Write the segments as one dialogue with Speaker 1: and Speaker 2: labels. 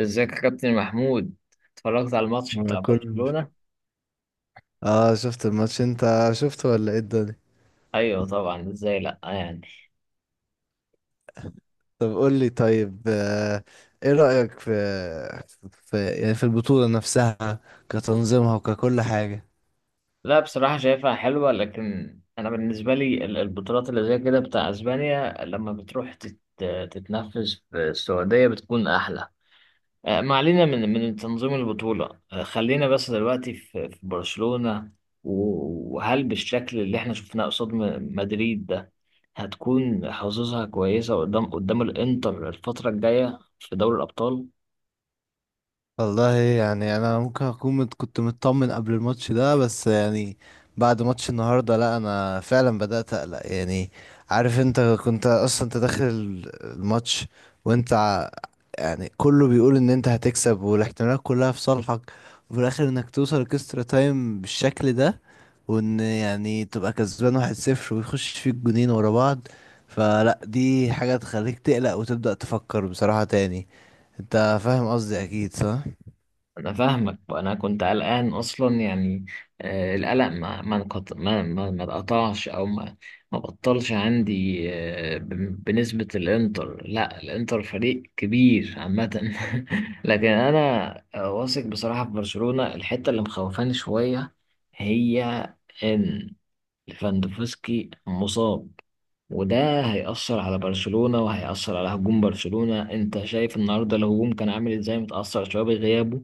Speaker 1: ازيك يا كابتن محمود؟ اتفرجت على الماتش
Speaker 2: ما
Speaker 1: بتاع
Speaker 2: كل
Speaker 1: برشلونة؟
Speaker 2: اه، شفت الماتش، انت شفته ولا ايه الدنيا؟
Speaker 1: ايوه طبعا، ازاي لا يعني.
Speaker 2: طب قول لي، طيب، ايه رأيك في... في يعني في البطولة نفسها، كتنظيمها وككل حاجة.
Speaker 1: لا بصراحة شايفها حلوة، لكن انا بالنسبة لي البطولات اللي زي كده بتاع اسبانيا لما بتروح تتنفذ في السعودية بتكون احلى. ما علينا من تنظيم البطولة. خلينا بس دلوقتي في برشلونة. وهل بالشكل اللي احنا شفناه قصاد مدريد ده هتكون حظوظها كويسة قدام الانتر الفترة الجاية في دوري الأبطال؟
Speaker 2: والله يعني انا ممكن اكون كنت مطمن قبل الماتش ده، بس يعني بعد ماتش النهارده، لا، انا فعلا بدأت اقلق يعني. عارف انت، كنت اصلا انت داخل الماتش وانت يعني كله بيقول ان انت هتكسب، والاحتمالات كلها في صالحك، وفي الاخر انك توصل اكسترا تايم بالشكل ده، وان يعني تبقى كسبان 1-0، ويخش فيك جونين ورا بعض. فلا دي حاجة تخليك تقلق وتبدأ تفكر بصراحة تاني. انت فاهم قصدي اكيد، صح؟
Speaker 1: انا فاهمك، انا كنت قلقان اصلا يعني. القلق ما اتقطعش او ما بطلش عندي. بنسبة الانتر، لا الانتر فريق كبير عامة لكن انا واثق بصراحة في برشلونة. الحتة اللي مخوفاني شوية هي ان ليفاندوفسكي مصاب، وده هيأثر على برشلونة وهيأثر على هجوم برشلونة. انت شايف النهاردة الهجوم كان عامل ازاي، متأثر شوية بغيابه؟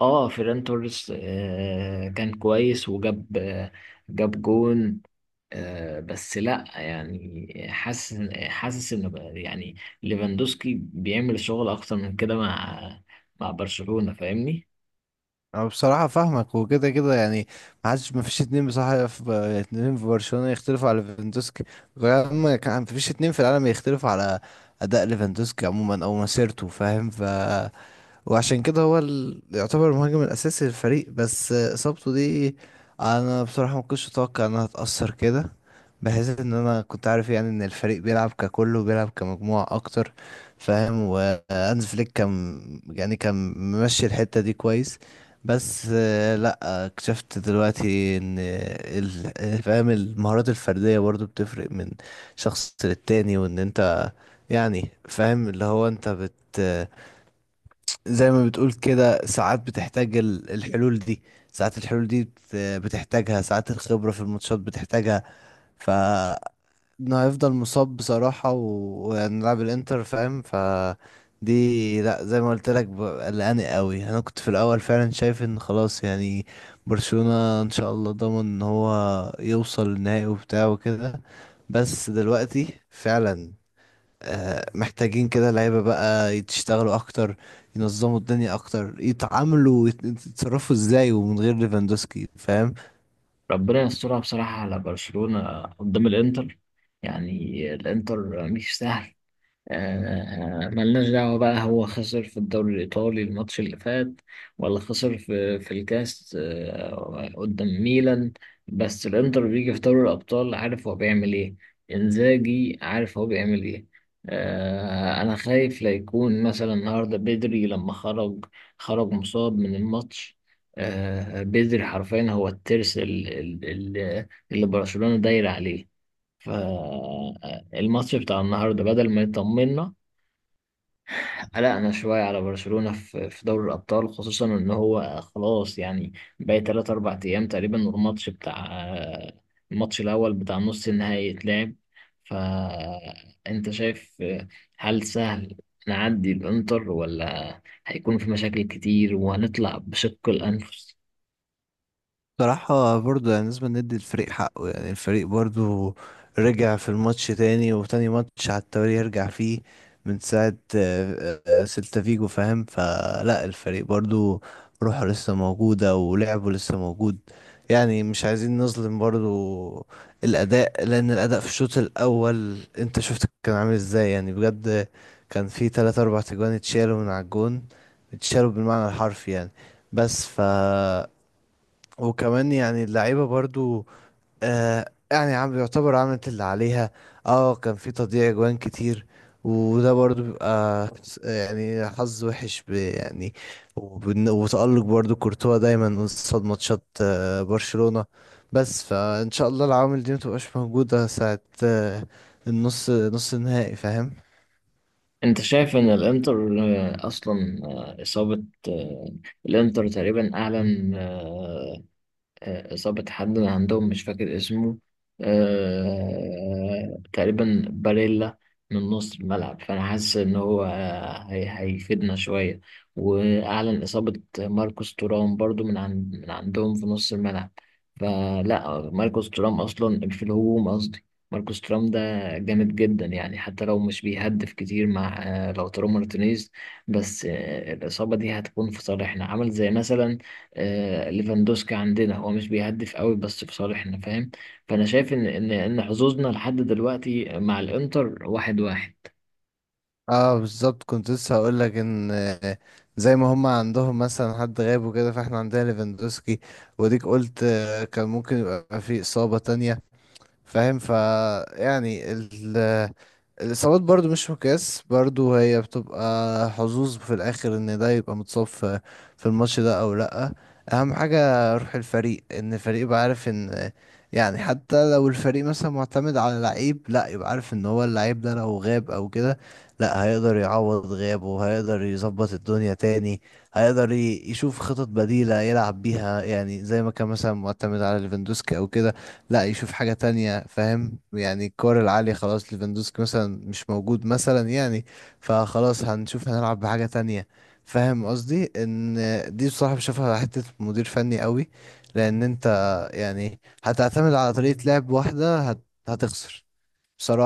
Speaker 1: اه فيران توريس آه كان كويس وجاب آه جاب جون. آه بس لا يعني، حاسس ان يعني ليفاندوسكي بيعمل شغل اكتر من كده مع مع برشلونة، فاهمني؟
Speaker 2: انا بصراحة فاهمك، وكده كده يعني ما فيش اتنين بصراحة، في اتنين في برشلونة يختلفوا على ليفاندوسكي، وكمان ما فيش اتنين في العالم يختلفوا على اداء ليفاندوسكي عموما، او مسيرته، فاهم؟ وعشان كده هو يعتبر المهاجم الأساسي للفريق، بس إصابته دي أنا بصراحة ما كنتش أتوقع إنها تأثر كده، بحيث إن أنا كنت عارف يعني إن الفريق بيلعب ككل وبيلعب كمجموعة أكتر، فاهم؟ وهانز فليك كان، يعني كان ممشي الحتة دي كويس. بس لأ، اكتشفت دلوقتي إن فاهم، المهارات الفردية برضو بتفرق من شخص للتاني، وإن أنت يعني فاهم اللي هو أنت زي ما بتقول كده، ساعات بتحتاج الحلول دي، ساعات الحلول دي بتحتاجها، ساعات الخبرة في الماتشات بتحتاجها. ف انه هيفضل مصاب بصراحة، وهنلعب الانتر، فاهم؟ دي لا، زي ما قلت لك، قلقاني قوي. انا كنت في الاول فعلا شايف ان خلاص يعني برشلونة ان شاء الله ضامن ان هو يوصل النهائي وبتاع وكده، بس دلوقتي فعلا محتاجين كده لعيبة بقى يشتغلوا أكتر، ينظموا الدنيا أكتر، يتعاملوا يتصرفوا إزاي، ومن غير ليفاندوسكي فاهم.
Speaker 1: ربنا يسترها بصراحة على برشلونة قدام الانتر. يعني الانتر مش سهل. ملناش دعوة بقى، هو خسر في الدوري الإيطالي الماتش اللي فات ولا خسر في الكاس قدام ميلان، بس الإنتر بيجي في دوري الأبطال عارف هو بيعمل إيه. إنزاجي عارف هو بيعمل إيه. أنا خايف لا يكون مثلا النهاردة بدري لما خرج، خرج مصاب من الماتش. بدري حرفيا هو الترس اللي برشلونة داير عليه. فالماتش بتاع النهاردة بدل ما يطمنا قلقنا شوية على برشلونة في دوري الأبطال، خصوصا إن هو خلاص يعني باقي تلات أربع أيام تقريبا، والماتش بتاع الماتش الأول بتاع نص النهائي يتلعب. فأنت شايف، هل سهل نعدي الإنتر ولا هيكون في مشاكل كتير وهنطلع بشق الأنفس؟
Speaker 2: بصراحة برضه يعني لازم ندي الفريق حقه، يعني الفريق برضه رجع في الماتش تاني، وتاني ماتش على التوالي يرجع فيه من ساعة سيلتا فيجو، فاهم؟ فلا الفريق برضه روحه لسه موجودة، ولعبه لسه موجود، يعني مش عايزين نظلم برضه الأداء، لأن الأداء في الشوط الأول أنت شفت كان عامل إزاي يعني بجد. كان في تلاتة أربع تجوان اتشالوا من على الجون، اتشالوا بالمعنى الحرفي يعني. بس وكمان يعني اللعيبة برضو آه يعني عم يعتبر عملت اللي عليها. اه كان في تضييع جوان كتير، وده برضو بيبقى يعني حظ وحش يعني، وتألق برضو كورتوا دايما قصاد ماتشات برشلونة. بس فإن شاء الله العوامل دي متبقاش موجودة ساعة آه نص النهائي، فاهم؟
Speaker 1: أنت شايف إن الإنتر أصلا آه، إصابة آه، الإنتر تقريبا أعلن ظابط حد عندهم مش فاكر اسمه، تقريبا باريلا، من نص الملعب. فأنا حاسس إن هو هيفيدنا شوية. وأعلن إصابة ماركوس تورام برضو من عندهم في نص الملعب. فلا، ماركوس تورام أصلا في الهجوم، قصدي ماركوس تورام ده جامد جدا، يعني حتى لو مش بيهدف كتير مع لو تورام مارتينيز. بس الإصابة دي هتكون في صالحنا، عمل زي مثلا ليفاندوسكي عندنا هو مش بيهدف قوي بس في صالحنا، فاهم؟ فانا شايف ان حظوظنا لحد دلوقتي مع الانتر واحد واحد.
Speaker 2: اه بالظبط، كنت لسه هقول لك ان زي ما هم عندهم مثلا حد غاب وكده، فاحنا عندنا ليفاندوسكي. وديك قلت كان ممكن يبقى في اصابة تانية، فاهم؟ يعني الإصابات برضو مش مقياس، برضو هي بتبقى حظوظ في الآخر إن ده يبقى متصاب في الماتش ده أو لأ. أهم حاجة روح الفريق، إن الفريق يبقى عارف إن يعني حتى لو الفريق مثلا معتمد على لعيب، لأ يبقى عارف إن هو اللعيب ده لو غاب أو كده، لأ هيقدر يعوض غيابه، هيقدر يظبط الدنيا تاني، هيقدر يشوف خطط بديلة يلعب بيها، يعني زي ما كان مثلا معتمد على ليفاندوسكي أو كده، لا يشوف حاجة تانية، فاهم؟ يعني الكور العالية، خلاص ليفاندوسكي مثلا مش موجود مثلا يعني، فخلاص هنشوف هنلعب بحاجة تانية. فاهم قصدي؟ ان دي بصراحة بشوفها حتة مدير فني قوي، لان انت يعني هتعتمد على طريقة لعب واحدة هتخسر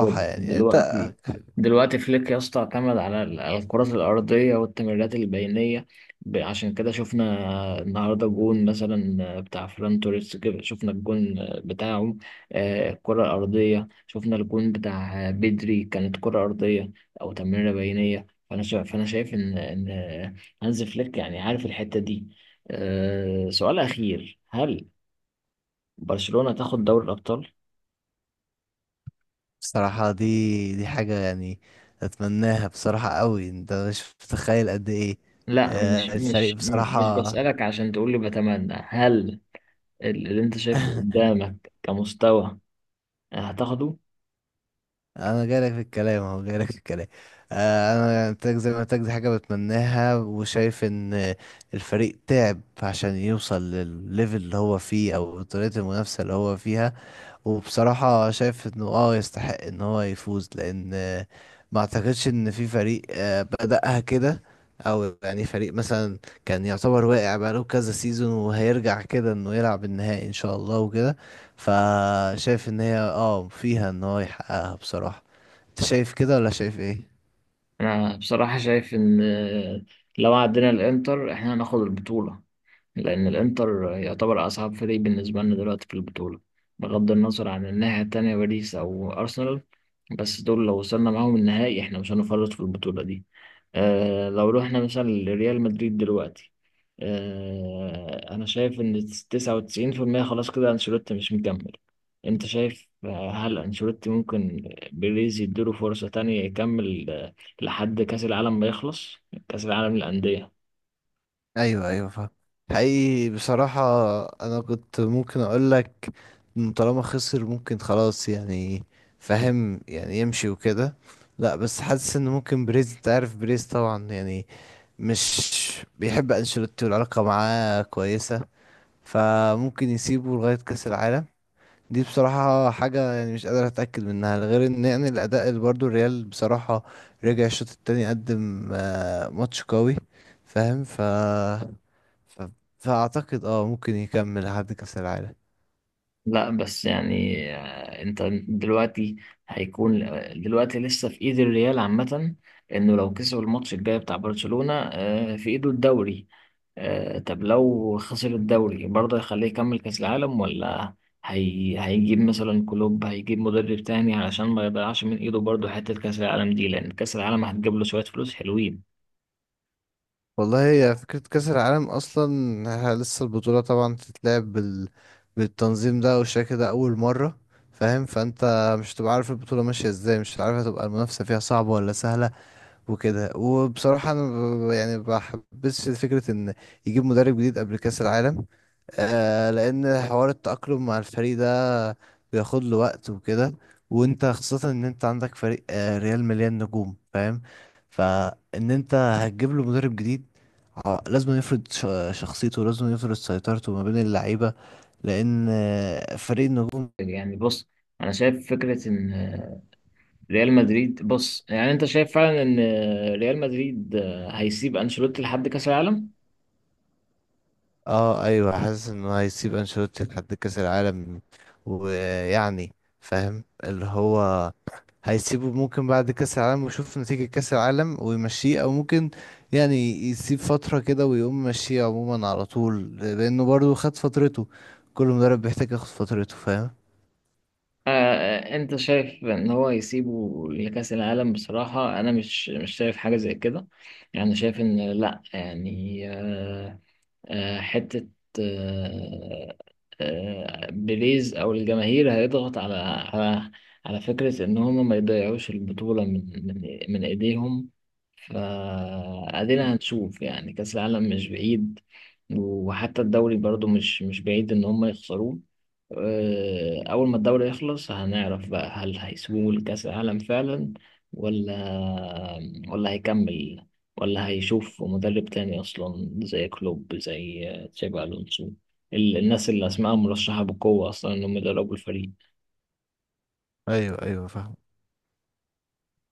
Speaker 1: خد
Speaker 2: يعني انت.
Speaker 1: دلوقتي، دلوقتي فليك يا اسطى اعتمد على على الكرات الأرضية والتمريرات البينية. عشان كده شفنا النهاردة جون مثلا بتاع فران توريس، كده شفنا الجون بتاعه الكرة الأرضية، شفنا الجون بتاع بدري كانت كرة أرضية أو تمريرة بينية. فأنا شايف إن إن هانز فليك يعني عارف الحتة دي. سؤال أخير، هل برشلونة تاخد دوري الأبطال؟
Speaker 2: بصراحة دي حاجة يعني اتمناها بصراحة قوي، انت مش متخيل قد ايه.
Speaker 1: لا، مش
Speaker 2: الفريق
Speaker 1: مش مش
Speaker 2: بصراحة
Speaker 1: بسألك عشان تقول لي بتمنى، هل اللي انت شايفه قدامك كمستوى هتاخده؟
Speaker 2: انا جايلك في الكلام، اهو جايلك في الكلام. انا يعني تاك زي ما تاك دي حاجه بتمناها، وشايف ان الفريق تعب عشان يوصل للليفل اللي هو فيه، او طريقه المنافسه اللي هو فيها. وبصراحه شايف انه اه يستحق ان هو يفوز، لان ما اعتقدش ان في فريق بدأها كده، او يعني فريق مثلا كان يعتبر واقع بقاله كذا سيزون وهيرجع كده انه يلعب النهائي ان شاء الله وكده. فشايف ان هي اه فيها ان هو يحققها بصراحه. انت شايف كده ولا شايف ايه؟
Speaker 1: انا بصراحة شايف ان لو عدينا الانتر احنا هناخد البطولة، لان الانتر يعتبر اصعب فريق بالنسبة لنا دلوقتي في البطولة بغض النظر عن الناحية التانية باريس او ارسنال. بس دول لو وصلنا معاهم النهائي احنا مش هنفرط في البطولة دي. آه، لو رحنا مثلا لريال مدريد دلوقتي، آه أنا شايف إن 99% خلاص كده أنشيلوتي مش مكمل. أنت شايف هل أنشيلوتي ممكن بيريز يديله فرصة تانية يكمل لحد كأس العالم ما يخلص، كأس العالم للأندية؟
Speaker 2: ايوه ايوه فاهم. حقيقي بصراحة انا كنت ممكن اقول لك طالما خسر ممكن خلاص يعني، فاهم، يعني يمشي وكده. لا بس حاسس ان ممكن بريز، انت عارف بريز طبعا يعني مش بيحب انشيلوتي، والعلاقة معاه كويسة، فممكن يسيبه لغاية كأس العالم. دي بصراحة حاجة يعني مش قادر أتأكد منها، غير إن يعني الأداء اللي برضو الريال بصراحة رجع الشوط التاني، قدم ماتش قوي، فاهم؟ ف... فأعتقد اه ممكن يكمل لحد كأس العالم.
Speaker 1: لا بس يعني آه، انت دلوقتي هيكون آه، دلوقتي لسه في ايد الريال عامة، انه لو كسب الماتش الجاي بتاع برشلونة في ايده الدوري. طب لو خسر الدوري برضه هيخليه يكمل كأس العالم ولا هيجيب مثلا كلوب، هيجيب مدرب تاني علشان ما يضيعش من ايده برضه حتة كأس العالم دي، لأن كأس العالم هتجيب له شوية فلوس حلوين.
Speaker 2: والله، هي فكرة كأس العالم أصلا، لسه البطولة طبعا تتلعب بالتنظيم ده والشكل ده أول مرة، فاهم؟ فأنت مش هتبقى عارف البطولة ماشية ازاي، مش عارف هتبقى المنافسة فيها صعبة ولا سهلة وكده. وبصراحة أنا يعني ما بحبش فكرة إن يجيب مدرب جديد قبل كأس العالم. آه لأن حوار التأقلم مع الفريق ده بياخد له وقت وكده. وأنت خاصة إن أنت عندك فريق آه ريال مليان نجوم، فاهم؟ فإن أنت هتجيب له مدرب جديد، لازم يفرض شخصيته، لازم يفرض سيطرته ما بين اللعيبة،
Speaker 1: فعلا.
Speaker 2: لأن
Speaker 1: شايف
Speaker 2: فريق النجوم.
Speaker 1: حاجة زي يعني بص، أنا شايف فكرة إن ريال مدريد، بص يعني انت شايف فعلا ان ريال مدريد هيسيب انشيلوتي لحد كاس العالم.
Speaker 2: اه ايوه، حاسس انه هيسيب انشيلوتي لحد كاس العالم، ويعني فاهم اللي هو هيسيبه ممكن بعد كاس العالم ويشوف نتيجة كاس العالم ويمشيه، او ممكن يعني يسيب فترة كده ويقوم مشيه عموما على طول، لانه برضو خد فترته. كل مدرب بيحتاج ياخد فترته فاهم.
Speaker 1: انت شايف ان هو هيسيبه لكاس العالم؟ بصراحة انا مش شايف حاجة زي كده. يعني شايف ان لا، يعني آه آه حتة آه آه بيريز او الجماهير هيضغط على على فكرة ان هم ما يضيعوش البطولة من ايديهم. فادينا هنشوف، يعني كأس العالم مش بعيد، وحتى الدوري برضو مش بعيد ان هم يخسروه. اول ما الدوري يخلص هنعرف بقى، هل هيسيبوه لكأس العالم فعلا ولا ولا هيكمل، ولا هيشوف مدرب تاني اصلا زي كلوب زي تشابي الونسو، الناس اللي اسمائهم مرشحة بقوة اصلا انهم يدربوا الفريق.
Speaker 2: ايوه ايوه فاهم.